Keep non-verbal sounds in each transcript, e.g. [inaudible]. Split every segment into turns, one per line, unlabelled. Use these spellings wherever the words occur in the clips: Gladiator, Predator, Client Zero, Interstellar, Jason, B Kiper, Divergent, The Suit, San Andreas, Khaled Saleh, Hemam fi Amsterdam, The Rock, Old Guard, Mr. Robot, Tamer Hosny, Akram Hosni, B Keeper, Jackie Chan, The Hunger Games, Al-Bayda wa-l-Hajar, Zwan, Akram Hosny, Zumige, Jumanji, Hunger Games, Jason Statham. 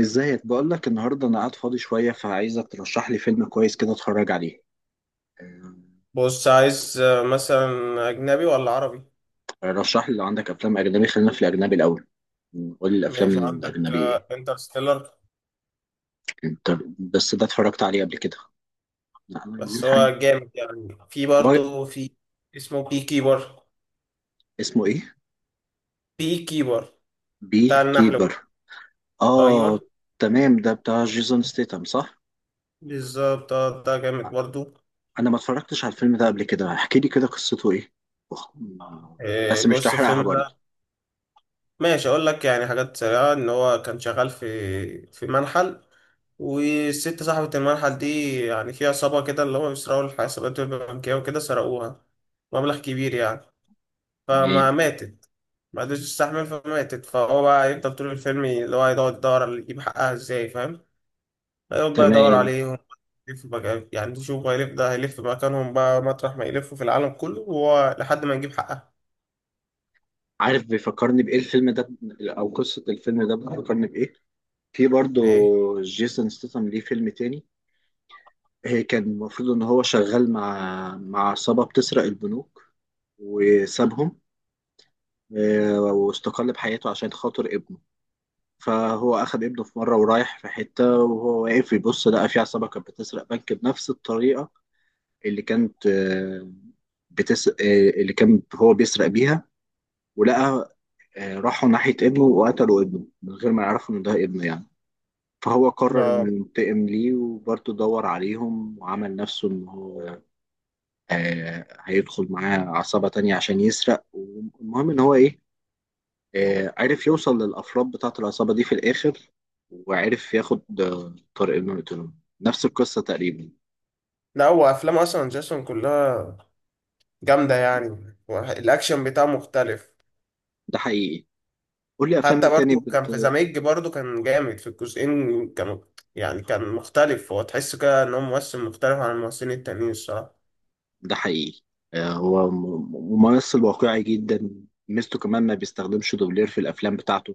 ازيك؟ بقول لك النهارده انا قاعد فاضي شويه فعايزك ترشح لي فيلم كويس كده اتفرج عليه. آه.
بص عايز مثلا أجنبي ولا عربي؟
رشح لي لو عندك افلام اجنبي، خلينا في الاجنبي الاول. قول لي الافلام
ماشي. عندك
الاجنبي ايه؟
انترستيلر.
انت. بس ده اتفرجت عليه قبل كده. لا، انا عايزين
بس
حاجه.
هو جامد يعني، في
هو.
برضه اسمه بي كيبر.
اسمه ايه؟
بي كيبر
بي
بتاع النحل.
كيبر. اه.
أيوه
تمام، ده بتاع جيسون ستيتم صح؟
بالظبط. ده جامد برضه.
انا ما اتفرجتش على الفيلم ده قبل كده، احكي لي كده قصته ايه؟ أخ، بس مش
بص
تحرقها
الفيلم
برضو.
ده، ماشي أقول لك يعني حاجات سريعة. إن هو كان شغال في منحل، والست صاحبة المنحل دي يعني في عصابة كده اللي هو بيسرقوا الحسابات البنكية وكده، سرقوها مبلغ كبير يعني، فما
تمام.
ماتت، ما قدرتش تستحمل فماتت. فهو بقى يفضل طول الفيلم اللي هو يقعد يدور يجيب حقها ازاي، فاهم؟ هيقعد بقى يدور
تمام.
عليهم، يلف بقى يعني، يشوف هيلف ده، هيلف مكانهم بقى مطرح ما يلفوا في العالم كله، وهو لحد ما يجيب حقها.
عارف بيفكرني بإيه الفيلم ده؟ أو قصة الفيلم ده بتفكرني بإيه؟ في برضه.
ايه؟
جيسون ستاثام ليه فيلم تاني. هي كان المفروض إن هو شغال مع عصابة بتسرق البنوك. وسابهم. واستقل بحياته عشان خاطر ابنه. فهو أخد ابنه في مرة ورايح في حتة وهو واقف يبص لقى في عصابة كانت بتسرق بنك بنفس الطريقة اللي كانت آه، اللي كان هو بيسرق بيها. ولقى راحوا ناحية ابنه وقتلوا ابنه من غير ما يعرفوا إن ده ابنه يعني. فهو قرر انه
لا
ينتقم ليه، وبرضه دور عليهم وعمل نفسه ان هو هيدخل معاه عصابة تانية عشان يسرق. والمهم ان هو ايه؟ عرف يوصل للافراد بتاعة العصابة دي في الاخر، وعرف ياخد طارق انه يقتله. نفس القصة تقريبا.
لا، هو افلام اصلا جاسون كلها جامده يعني، الاكشن بتاعه مختلف.
ده حقيقي. قول لي افلام
حتى
مين تاني
برضو كان
بت...
في زاميج، برضو كان جامد. في الجزئين كانوا يعني كان مختلف، هو تحس كده ان هو ممثل مختلف عن الممثلين التانيين الصراحه.
ده حقيقي. هو ممثل واقعي جدا. ميزته كمان ما بيستخدمش دوبلير في الافلام بتاعته.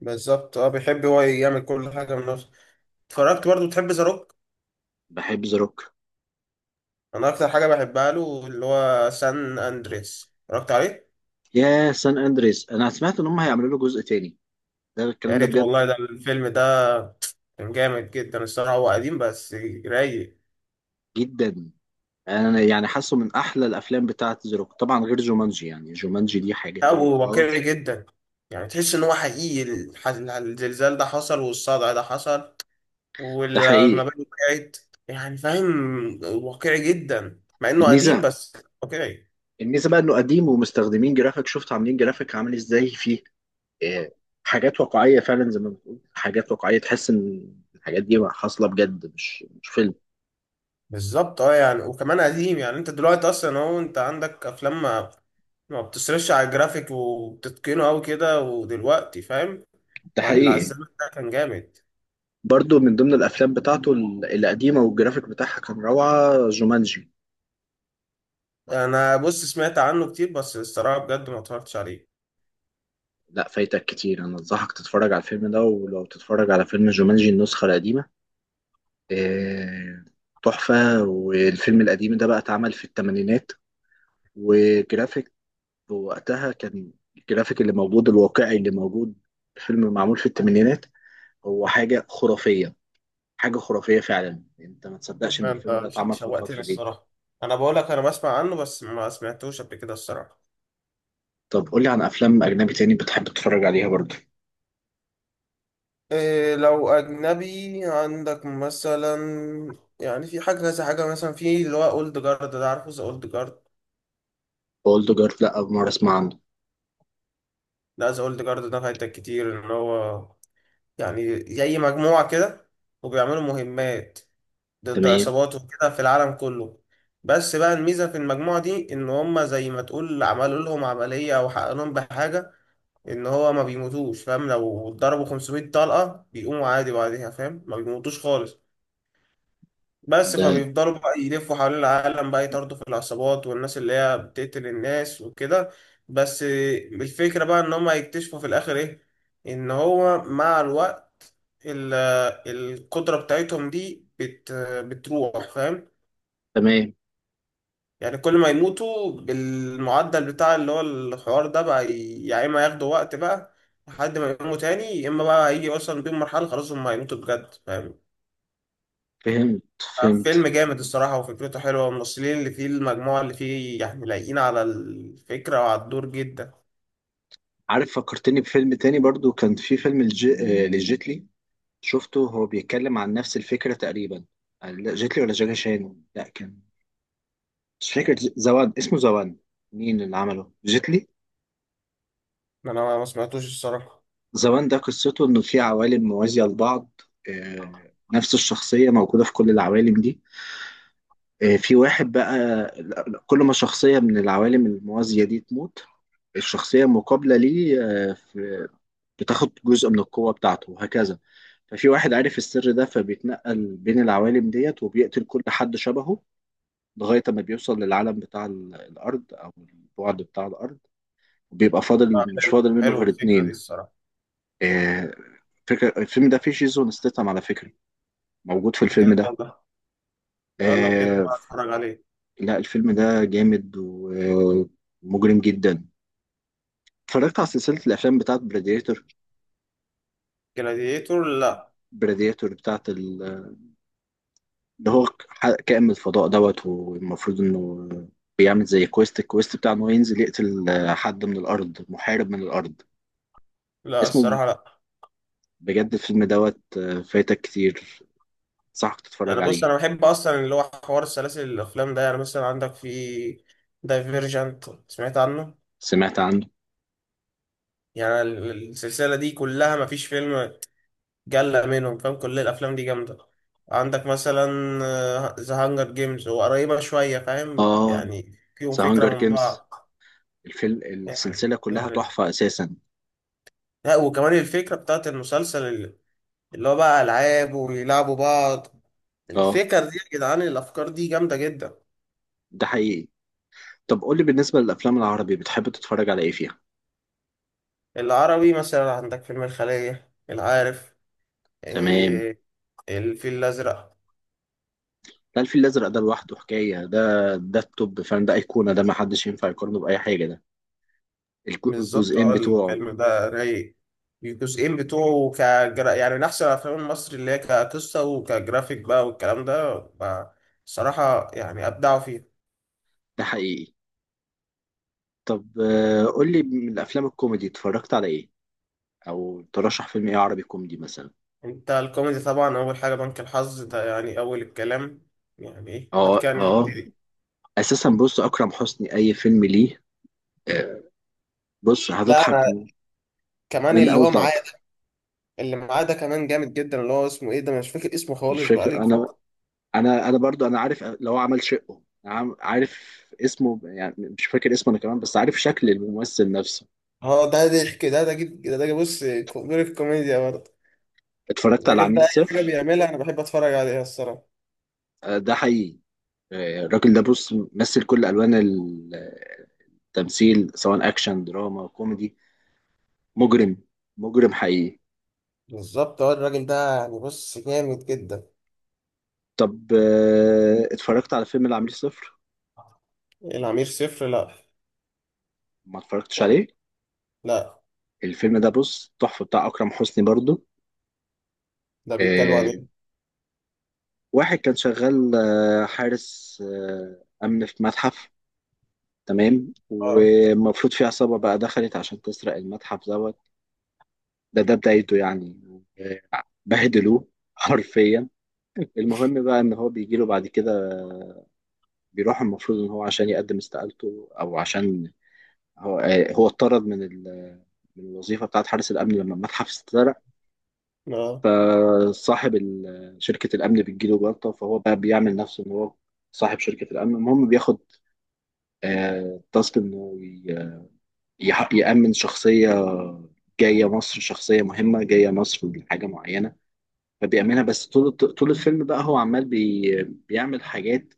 بالظبط اه، بيحب هو يعمل كل حاجة بنفسه. اتفرجت برضو، تحب ذا روك؟
بحب ذا روك.
انا اكتر حاجة بحبها له اللي هو سان اندريس، اتفرجت عليه؟
يا سان اندريس، انا سمعت ان هم هيعملوا له جزء تاني. ده
يا
الكلام ده
ريت
بجد؟
والله، ده الفيلم ده كان جامد جدا الصراحة، هو قديم بس رايق.
جدا. انا يعني حاسه من احلى الافلام بتاعه زيروك طبعا غير جومانجي، يعني جومانجي دي حاجه تانية
ابو واقعي
خالص.
جدا، يعني تحس ان هو حقيقي، الزلزال ده حصل والصدع ده حصل
ده حقيقي.
والمباني وقعت. يعني فاهم، واقعي جدا مع انه قديم
الميزه
بس. واقعي.
الميزه بقى انه قديم ومستخدمين جرافيك، شفت عاملين جرافيك عامل ازاي فيه؟ آه، حاجات واقعيه فعلا زي ما بتقول حاجات واقعيه تحس ان الحاجات دي حاصله بجد مش فيلم.
بالظبط اه، يعني وكمان قديم يعني، انت دلوقتي اصلا اهو انت عندك افلام ما بتصرفش على الجرافيك وبتتقنه قوي كده ودلوقتي، فاهم؟
ده
فاللي على
حقيقي.
الزمن ده كان جامد.
برضو من ضمن الافلام بتاعته القديمه والجرافيك بتاعها كان روعه، جومانجي.
انا بص، سمعت عنه كتير بس الصراحه بجد ما اتفرجتش عليه.
لا، فايتك كتير. انا انصحك تتفرج على الفيلم ده، ولو تتفرج على فيلم جومانجي النسخه القديمه. آه، تحفة. والفيلم القديم ده بقى اتعمل في الثمانينات. وجرافيك. وقتها كان الجرافيك اللي موجود، الواقعي اللي موجود. فيلم معمول في الثمانينات. هو حاجة خرافية. حاجة خرافية فعلا، انت ما تصدقش ان الفيلم
انت
ده اتعمل في
شوقتني
الفترة دي.
الصراحه، انا بقول لك انا بسمع عنه بس ما سمعتوش قبل كده الصراحه.
طب قول لي عن افلام اجنبي تاني بتحب تتفرج عليها برضه؟
إيه لو اجنبي عندك مثلا، يعني في حاجه كذا حاجه مثلا، في اللي هو اولد جارد ده، عارفه ذا اولد جارد؟
اولد جارد؟ لا، اول مرة اسمع عنه.
لا ذا اولد جارد ده فايتك كتير، ان هو يعني زي مجموعة كده، وبيعملوا مهمات ضد
تمام.
عصابات وكده في العالم كله. بس بقى الميزة في المجموعة دي إن هما، زي ما تقول عملوا لهم عملية أو حقنوا لهم بحاجة، إن هو ما بيموتوش، فاهم؟ لو اتضربوا 500 طلقة بيقوموا عادي بعدها، فاهم؟ ما بيموتوش خالص. بس
ده.
فبيفضلوا بقى يلفوا حوالين العالم بقى، يطاردوا في العصابات والناس اللي هي بتقتل الناس وكده. بس الفكرة بقى إن هما يكتشفوا في الآخر إيه، إن هو مع الوقت ال- القدرة بتاعتهم دي بتروح، فاهم؟
تمام.
يعني كل ما يموتوا بالمعدل بتاع اللي هو الحوار ده بقى، يا اما ياخدوا وقت بقى لحد ما يقوموا تاني، يا اما بقى هيجي اصلا بيهم مرحلة خلاص هم هيموتوا بجد، فاهم؟
فهمت.
فيلم
فهمت.
جامد الصراحة، وفكرته حلوة، والممثلين اللي فيه المجموعة اللي فيه يعني لايقين على الفكرة وعلى الدور جدا.
عارف فكرتني بفيلم تاني برضه، كان في فيلم الج... لجيتلي. شفته، هو بيتكلم عن نفس الفكرة تقريبا. لا جيتلي ولا جاكي شان، لا كان. مش فاكر زوان، اسمه زوان. مين اللي عمله جيتلي؟
انا ما سمعتوش الصراحة.
زوان ده قصته انه في عوالم موازية لبعض. نفس الشخصية موجودة في كل العوالم دي. في واحد بقى. كل ما شخصية من العوالم الموازية دي تموت، الشخصية المقابلة ليه بتاخد جزء من القوة بتاعته وهكذا. ففي واحد عارف السر ده، فبيتنقل بين العوالم ديت وبيقتل كل حد شبهه. لغاية ما بيوصل للعالم بتاع الأرض أو البعد بتاع الأرض. وبيبقى فاضل،
لا،
مش
حلو
فاضل منه
حلو
غير
الفكرة دي
اتنين.
الصراحة.
آه، فكرة الفيلم ده فيه جيسون ستيتم على فكرة، موجود في
بجد
الفيلم ده.
والله؟ لا، لو كده
آه،
بقى اتفرج عليه.
لا، الفيلم ده جامد ومجرم جدا. اتفرجت على سلسلة الأفلام بتاعت براديتور؟
جلاديتور لا.
براديتور بتاعت اللي هو كائن من الفضاء دوت، والمفروض إنه بيعمل زي كويست، الكويست بتاع إنه ينزل يقتل حد من الأرض، محارب من الأرض.
لا
اسمه.
الصراحة لا.
بجد الفيلم دوت فايتك كتير. صح تتفرج
انا بص،
عليه.
انا بحب اصلا اللي هو حوار سلاسل الافلام ده، يعني مثلا عندك في دايفيرجنت، سمعت عنه؟
سمعت عنه.
يعني السلسله دي كلها ما فيش فيلم جلة منهم، فاهم؟ كل الافلام دي جامده. عندك مثلا ذا هانجر جيمز، هو قريبه شويه فاهم،
اه.
يعني فيهم
ذا
فكره
هانجر
من
جيمز.
بعض
الفيلم
يعني
السلسلة كلها
يعني
تحفة أساسا.
لا، وكمان الفكره بتاعت المسلسل اللي اللي هو بقى العاب ويلعبوا بعض،
اه.
الفكر دي يا جدعان، الافكار دي جامده جدا.
ده حقيقي. طب قولي بالنسبة للأفلام العربي بتحب تتفرج على إيه فيها؟
العربي مثلا عندك فيلم الخلية، العارف
تمام.
إيه، الفيل الأزرق.
لا، الفيل الأزرق ده لوحده حكاية ده. ده التوب، فاهم؟ ده أيقونة، ده محدش ينفع يقارنه بأي حاجة ده.
بالظبط
الجزئين
اه،
بتوعه.
الفيلم ده رايق، الجزئين بتوعه يعني من أحسن الأفلام المصري اللي هي كقصة وكجرافيك بقى والكلام ده الصراحة يعني أبدعوا فيه.
ده حقيقي. طب قولي من الأفلام الكوميدي اتفرجت على إيه؟ أو ترشح فيلم إيه عربي كوميدي مثلا؟
أنت الكوميدي طبعا أول حاجة بنك الحظ ده، يعني أول الكلام، يعني إيه، بعد
اه.
كده
اه.
نبتدي.
اساسا بص، اكرم حسني اي فيلم ليه. آه، بص
لا
هتضحك
أنا كمان
من
اللي
اول
هو
لقطه.
معايا، اللي معاه ده كمان جامد جدا، اللي هو اسمه إيه ده، أنا مش فاكر اسمه
مش
خالص
فاكر
بقالي
انا.
فترة.
انا برضو انا عارف لو عمل شقه عارف اسمه، يعني مش فاكر اسمه انا كمان، بس عارف شكل الممثل نفسه.
اه ده ضحك، ده ده جيب ده ده، بص كبير الكوميديا برضه.
اتفرجت على
الراجل
عميل
ده اي حاجه
صفر؟
بيعملها انا بحب اتفرج عليها الصراحه.
آه، ده حقيقي. الراجل ده بص مثل كل الوان التمثيل، سواء اكشن دراما كوميدي. مجرم. مجرم حقيقي.
بالظبط، هو الراجل ده يعني بص جامد جدا.
طب اتفرجت على فيلم العميل صفر؟
العمير صفر؟ لا.
ما اتفرجتش عليه.
لا.
الفيلم ده بص تحفة بتاع أكرم حسني برضو.
ده بيتكلم عن
آه،
ايه؟
واحد كان شغال حارس أمن في متحف. تمام،
اه
ومفروض في عصابة بقى دخلت عشان تسرق المتحف دوت. ده بدايته يعني. آه، بهدلوه [laughs] حرفيا. المهم بقى إن هو بيجيله بعد كده. بيروح المفروض إن هو عشان يقدم استقالته أو عشان هو اتطرد من الوظيفة بتاعت حارس الأمن لما المتحف اتسرق.
اه.
فصاحب شركة الأمن بتجيله جلطة، فهو بقى بيعمل نفسه إن هو صاحب شركة الأمن. المهم بياخد تاسك إنه يأمن شخصية جاية مصر، شخصية مهمة جاية مصر لحاجة معينة. فبيعملها، بس طول طول الفيلم بقى هو عمال بيعمل حاجات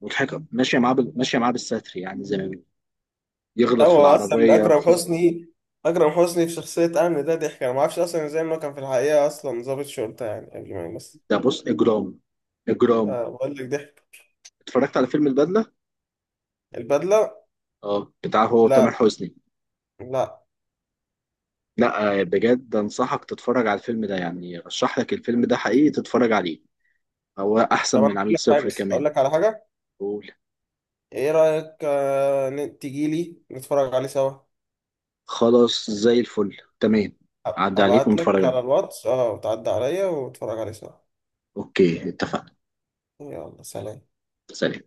مضحكة ماشية معاه بالستر، يعني زي ما بيقولوا.
لا
يغلط
هو
في
اصلا ده
العربية
اكرم
ف...
حسني، اكرم حسني في شخصيه امن ده ضحك، انا ما اعرفش اصلا ازاي، ما كان في الحقيقه اصلا ضابط شرطه يعني قبل ما يمثل.
ده بص إجرام. إجرام.
بقول لك ضحك.
اتفرجت على فيلم البدلة؟
البدله؟
اه، بتاع هو
لا.
تامر حسني.
لا.
لا. بجد انصحك تتفرج على الفيلم ده، يعني ارشح لك الفيلم ده حقيقي تتفرج عليه. هو احسن
طب انا
من
اقول
عميل
لك حاجه،
صفر كمان.
اقول لك على حاجه.
قول.
ايه رايك آه، تيجي لي نتفرج عليه سوا.
خلاص زي الفل، تمام. عدى عليك
ابعت
ونتفرج
لك على
عليه.
الواتس اه، وتعدي عليا وتتفرج عليه سوا.
اوكي، اتفقنا.
يلا سلام.
سلام.